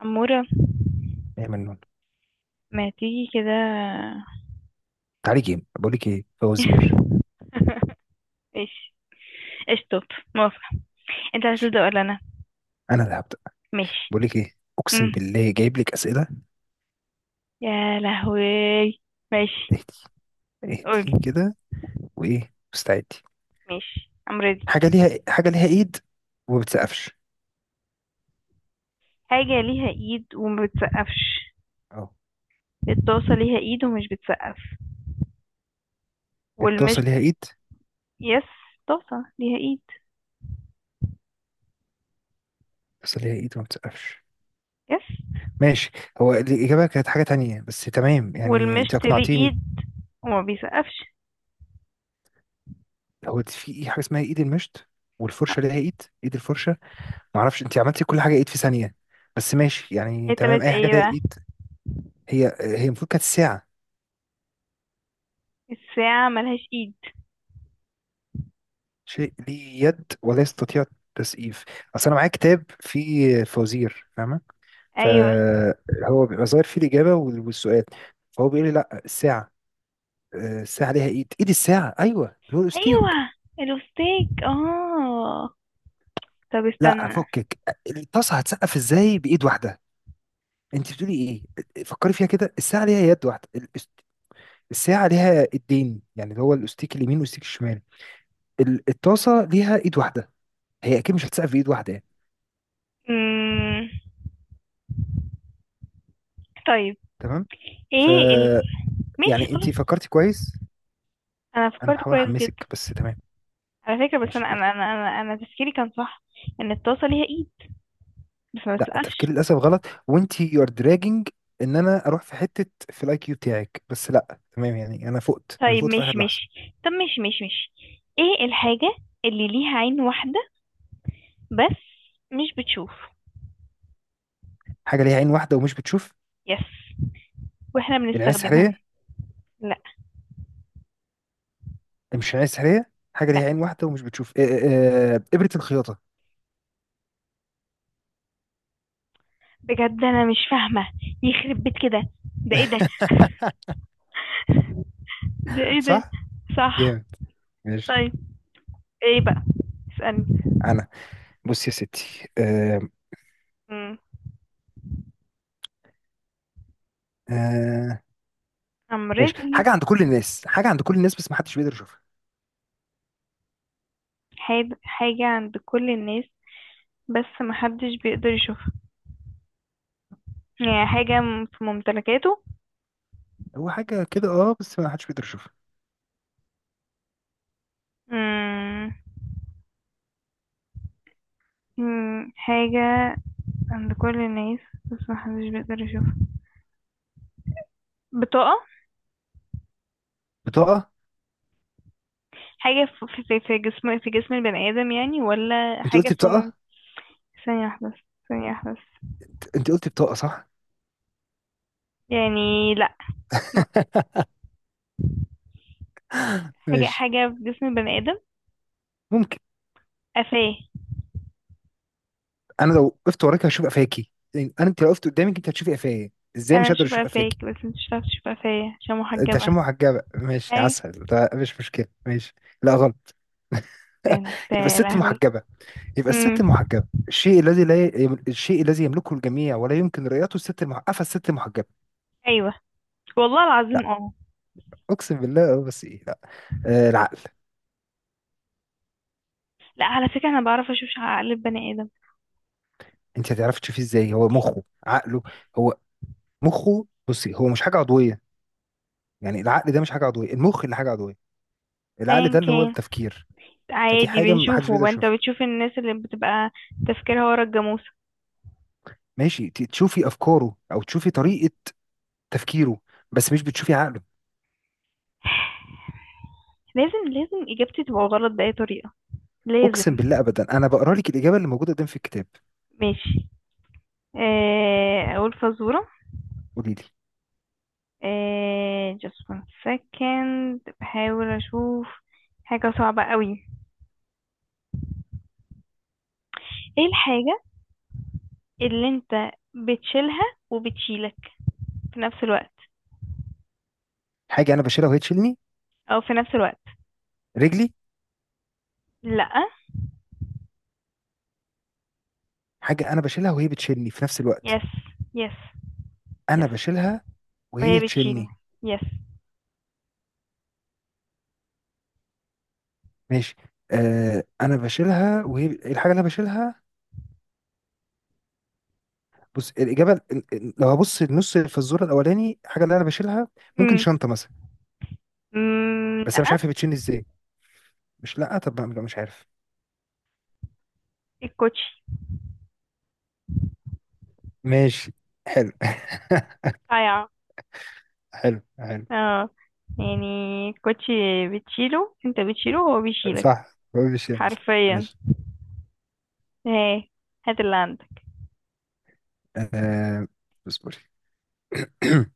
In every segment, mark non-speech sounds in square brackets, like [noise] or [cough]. عمورة، يا منون، ما تيجي كده. تعالي جيم. بقول لك ايه، فوازير. [laughs] ماشي. اشطب. موافقة. انت عايز ماشي، تبدأ ولا انا؟ انا اللي هبدا. ماشي. بقول لك ايه، اقسم مم. بالله جايب لك اسئله. يا لهوي. ماشي. اهدي، قول. اهدي كده. وايه، مستعدي؟ ماشي، I'm ready. حاجه ليها إيه؟ حاجه ليها ايد وما بتسقفش. حاجة ليها ايد وما بتسقفش. اه، الطاسة ليها ايد ومش بتسقف، الطاسه والمشط. ليها ايد. يس. طاسة ليها ايد. الطاسه ليها ايد وما بتسقفش. يس. ماشي. هو الاجابه كانت حاجه تانية، بس تمام يعني انت والمشط ليه اقنعتيني. ايد وما بيسقفش. هو في ايه حاجه اسمها ايد المشط؟ اه، والفرشه ليها ايد، ايد الفرشه. ما اعرفش انت عملتي كل حاجه ايد في ثانيه، بس ماشي يعني هي تمام، تلات اي حاجه ايه ليها بقى؟ ايد. هي هي المفروض كانت ساعه. الساعة ملهاش ايد. شيء ليه يد ولا يستطيع التسقيف. اصل انا معايا كتاب فيه فوازير، فاهمه؟ ايوه فهو بيبقى ظاهر فيه الاجابه والسؤال. فهو بيقول لي لا، الساعه. الساعه ليها ايد، ايد الساعه، ايوه اللي هو الاستيك. ايوه، الوستيك اه. طب لا، استنى. فكك. الطاسه هتسقف ازاي بايد واحده؟ انت بتقولي ايه؟ فكري فيها كده، الساعه ليها يد واحده الساعه ليها ايدين، يعني اللي هو الاستيك اليمين والاستيك الشمال. الطاسه ليها ايد واحده، هي اكيد مش هتسقف بايد واحده يعني. مم... طيب. تمام. ف ايه ال... ماشي يعني انت خلاص. فكرتي كويس. انا انا فكرت بحاول كويس احمسك، جدا. بس تمام، على فكرة بس ماشي يلا. أنا تفكيري كان صح، ان الطاسة ليها ايد بس ما لا، بتسقفش. تفكيري للاسف غلط، وانت يو ار دراجنج. ان انا اروح في حته في الاي كيو بتاعك، بس لا تمام يعني انا فقت انا طيب فقت في ماشي اخر لحظه. ماشي. طب ماشي ماشي ماشي. ايه الحاجة اللي ليها عين واحدة بس مش بتشوف؟ حاجه ليها عين واحده ومش بتشوف. يس. واحنا العين بنستخدمها. السحريه. لا. مش العين السحريه، حاجه لا. ليها عين واحده ومش بتشوف، إيه، إيه، إيه، ابره الخياطه. بجد انا مش فاهمة. يخرب بيت كده، ده ايه ده؟ [laughs] ده ايه ده؟ صح. صح. جامد، ماشي. طيب، ايه بقى؟ اسألني. انا بص يا ستي، امم. آه، I'm ماشي. ready. حاجه عند كل الناس، حاجه عند كل الناس بس ما حدش بيقدر يشوفها. حاجة عند كل الناس بس محدش بيقدر يشوفها؟ يعني حاجة في ممتلكاته؟ هو حاجه كده اه، بس ما حدش بيقدر يشوفها. مم. مم. حاجة عند كل الناس بس محدش بيقدر يشوفها. بطاقة. بطاقه؟ حاجة في جسم، في جسم البني آدم يعني، ولا انت حاجة قلتي في بطاقه، ثانية واحدة بس، ثانية واحدة بس. انت قلتي بطاقه صح. يعني لأ. م- [laughs] حاجة، ماشي، حاجة في جسم البني آدم. ممكن. قفاه. انا لو وقفت وراك هشوف قفاكي، يعني انت لو وقفت قدامك انت هتشوفي قفايا. ازاي أنا مش هقدر أشوف اشوف قفاكي؟ قفاك بس انت مش هتعرف تشوف قفايا عشان انت محجبة. عشان محجبه ماشي أي. عسل، ده مش مشكله، ماشي. لا غلط. ده [laughs] انت يبقى يا الست لهوي. المحجبه. يبقى الست مم. المحجبه، الشيء الذي لا ي... الشيء الذي يملكه الجميع ولا يمكن رؤيته، الست المحجبه، الست المحجبه. أيوه. والله لا، العظيم اه. اقسم بالله اه، بس ايه، لا. آه، العقل. لا على فكرة انا بعرف اشوف قلب بني ادم. انت هتعرفي تشوفيه ازاي؟ هو مخه عقله. هو مخه، بصي، هو مش حاجه عضويه. يعني العقل ده مش حاجه عضويه، المخ اللي حاجه عضويه. العقل ايا ده اللي هو كان، التفكير. فدي عادي حاجة محدش بنشوفه بيقدر بقى. انت يشوفها. بتشوف الناس اللي بتبقى تفكيرها ورا الجاموسة. ماشي، تشوفي أفكاره أو تشوفي طريقة تفكيره، بس مش بتشوفي عقله. [laughs] لازم، لازم اجابتي تبقى غلط بأي طريقة. لازم. أقسم بالله أبدا، أنا بقرا لك الإجابة اللي موجودة قدام في الكتاب. ماشي. آه، اقول فزورة. قولي لي. آه، just one second، بحاول اشوف. حاجة صعبة قوي. ايه الحاجة اللي انت بتشيلها وبتشيلك في نفس الوقت، حاجة أنا بشيلها وهي تشيلني. او في نفس الوقت؟ رجلي. لا. حاجة أنا بشيلها وهي بتشيلني في نفس الوقت. يس. يس. أنا يس. بشيلها وهي وهي بتشيل. تشيلني. يس. ماشي. أنا بشيلها وهي الحاجة اللي أنا بشيلها. بص، الإجابة لو هبص النص في الزور الأولاني، الحاجة اللي أنا بشيلها ممكن امم. شنطة مثلا، أمم، بس أنا مش لا. عارف هي بتشيلني إزاي. مش، لا طب لا مش عارف. الكوتشي. ماشي، حلو. [laughs] صايعة. حلو، حلو. اه، يعني الكوتشي، بتشيله، انت بتشيله هو بيشيلك. صح، مش يعني صح. حرفيا. ماشي. ايه؟ هات اللي عندك. آه اصبري. [clears throat]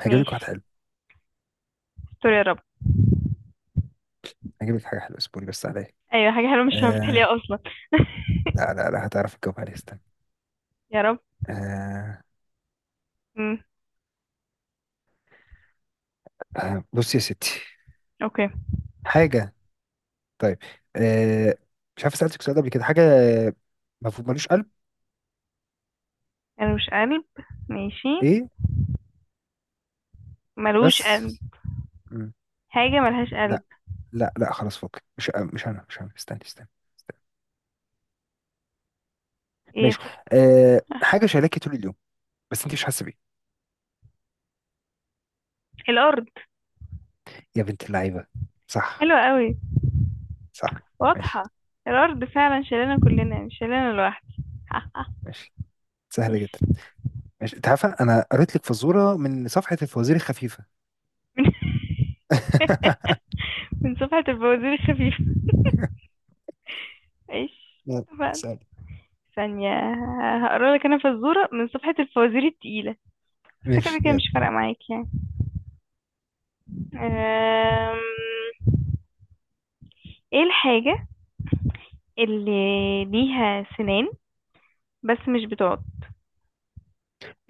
هجيب لك واحد ماشي. حلو. استر يا رب. هجيب لك حاجة حلوة، اصبري بس عليا. ايوه، حاجة حلوة مش هعرف آه تحليها اصلا. [laughs] لا لا لا، هتعرف تجاوب عليها، استنى. يا رب. آه امم. آه، بصي يا ستي. اوكي. حاجة، طيب، آه مش عارف سألتك سؤال قبل كده. حاجة مفهوم ملوش قلب. ملوش قلب. ماشي. ايه ملوش بس. قلب. مم. حاجة ملهاش قلب. لا لا لا، خلاص، فوق، مش انا، مش انا، استني، استني، استني. ايه ماشي، خف... حاجة شايلاكي طول اليوم بس انت مش حاسة بيه. الارض. يا بنت اللعيبة. صح. حلوة قوي. صح. ماشي، واضحة. الارض فعلا شالانا كلنا، مش شالانا لوحدي. [laughs] ماشي. سهلة جدا. ماشي. ماشي، انت عارفة انا قريت لك فزورة من صفحة الفوازير الخفيفة. [laughs] [laughs] من صفحة الفوازير الخفيفة. ايش يلا بقى؟ سهل. ثانية، هقرا لك انا فزورة من صفحة الفوازير التقيلة. بس كده ماشي كده يلا. مش فارقة معاك يعني. أم... ايه الحاجة اللي ليها سنان بس مش بتقعد؟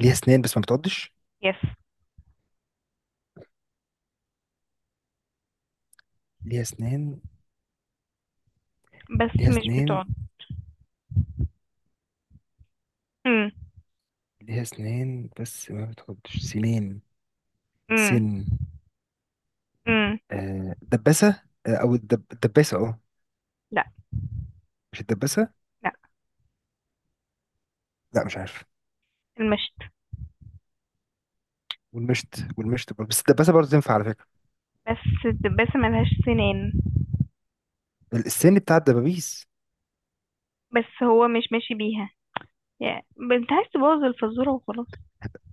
ليها اسنان بس ما بتعضش. يس. ليها اسنان، بس ليها مش اسنان، بتقعد. امم. ليها اسنان بس ما بتعضش سنين. امم. سن. امم. آه، دباسة، آه او الدباسة، اه. لا. مش الدباسة. لا. لا مش عارف. المشط. والمشت، برضه، بس الدباسة برضه تنفع على فكرة. بس، بس ملهاش سنان. السن بتاع الدبابيس. بس هو مش ماشي بيها يعني، انت عايز تبوظ الفزورة وخلاص.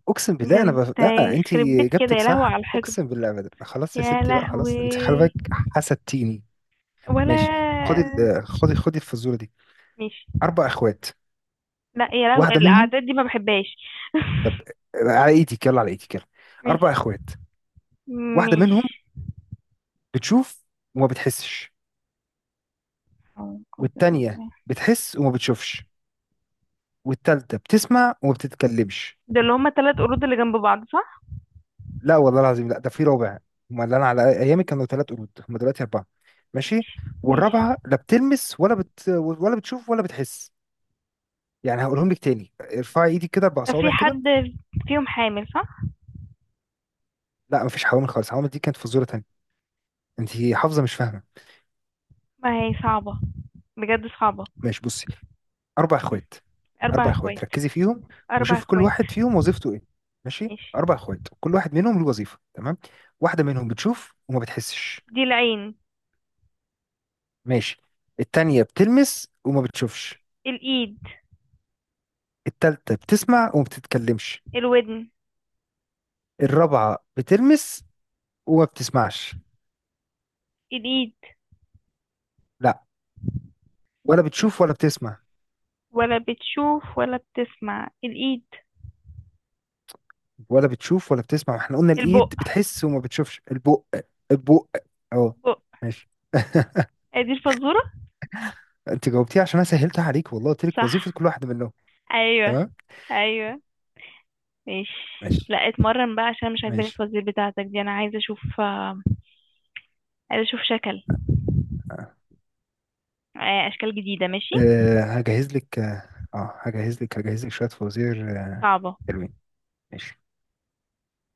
اقسم ده بالله انا انت، لا، انت يخرب بيت كده اجابتك يا لهوي صح، على الحقد. اقسم بالله ابدا، خلاص يا يا ستي بقى، خلاص، انت خلي لهوي. بالك حسدتيني. ولا. ماشي، خدي الفزوره دي. ماشي. 4 اخوات، لا يا لهوي، واحده منهم. الاعداد دي ما بحبهاش. طب [laughs] على ايدك، يلا على ايدك يلا. اربع ماشي. اخوات، واحده منهم ماشي. بتشوف وما بتحسش، أعوذ والتانيه بالله. بتحس وما بتشوفش، والتالته بتسمع وما بتتكلمش. ده اللي هما تلات قرود اللي جنب بعض صح؟ لا والله العظيم لا، ده في رابع. هما اللي انا على ايامي كانوا 3 قرود، هما دلوقتي 4. ماشي. ماشي. ماشي. والرابعه لا بتلمس، ولا بتشوف ولا بتحس. يعني هقولهم لك تاني، ارفعي ايدك كده اربع ده في صوابع كده. حد فيهم حامل صح؟ لا مفيش حوامل خالص، الحوامل دي كانت فزوره تانيه. انت حافظه مش فاهمه. ما هي صعبة، بجد صعبة. ماشي بصي، اربع اخوات. اربع اربع اخوات، اخوات. ركزي فيهم اربع وشوفي كل اخوات. واحد فيهم وظيفته ايه. ماشي، ماشي. اربع اخوات كل واحد منهم له وظيفه، تمام. واحده منهم بتشوف وما بتحسش. دي العين. ماشي. التانيه بتلمس وما بتشوفش. الايد. التالتة بتسمع وما بتتكلمش. الودن. الرابعة بتلمس وما بتسمعش. الايد. لا، ولا بتشوف ولا بتسمع. ولا بتشوف ولا بتسمع الايد. ولا بتشوف ولا بتسمع، احنا قلنا الإيد البق. بتحس وما بتشوفش، البق. البق، اهو. البق. ماشي. [laughs] هي دي الفزورة. انت جاوبتيه عشان انا سهلتها عليك والله، قلت لك وظيفة صح. كل واحد منهم. ايوه. تمام. ايوه. ماشي. ماشي، لا اتمرن بقى عشان مش عاجباني ماشي. التوزيع بتاعتك دي. انا عايزه اشوف آه، عايزه اشوف شكل، اه، آه، اشكال جديده. ماشي. هجهز لك. اه، هجهز لك شوية فوازير. آه، صعبه. حلوين. ماشي.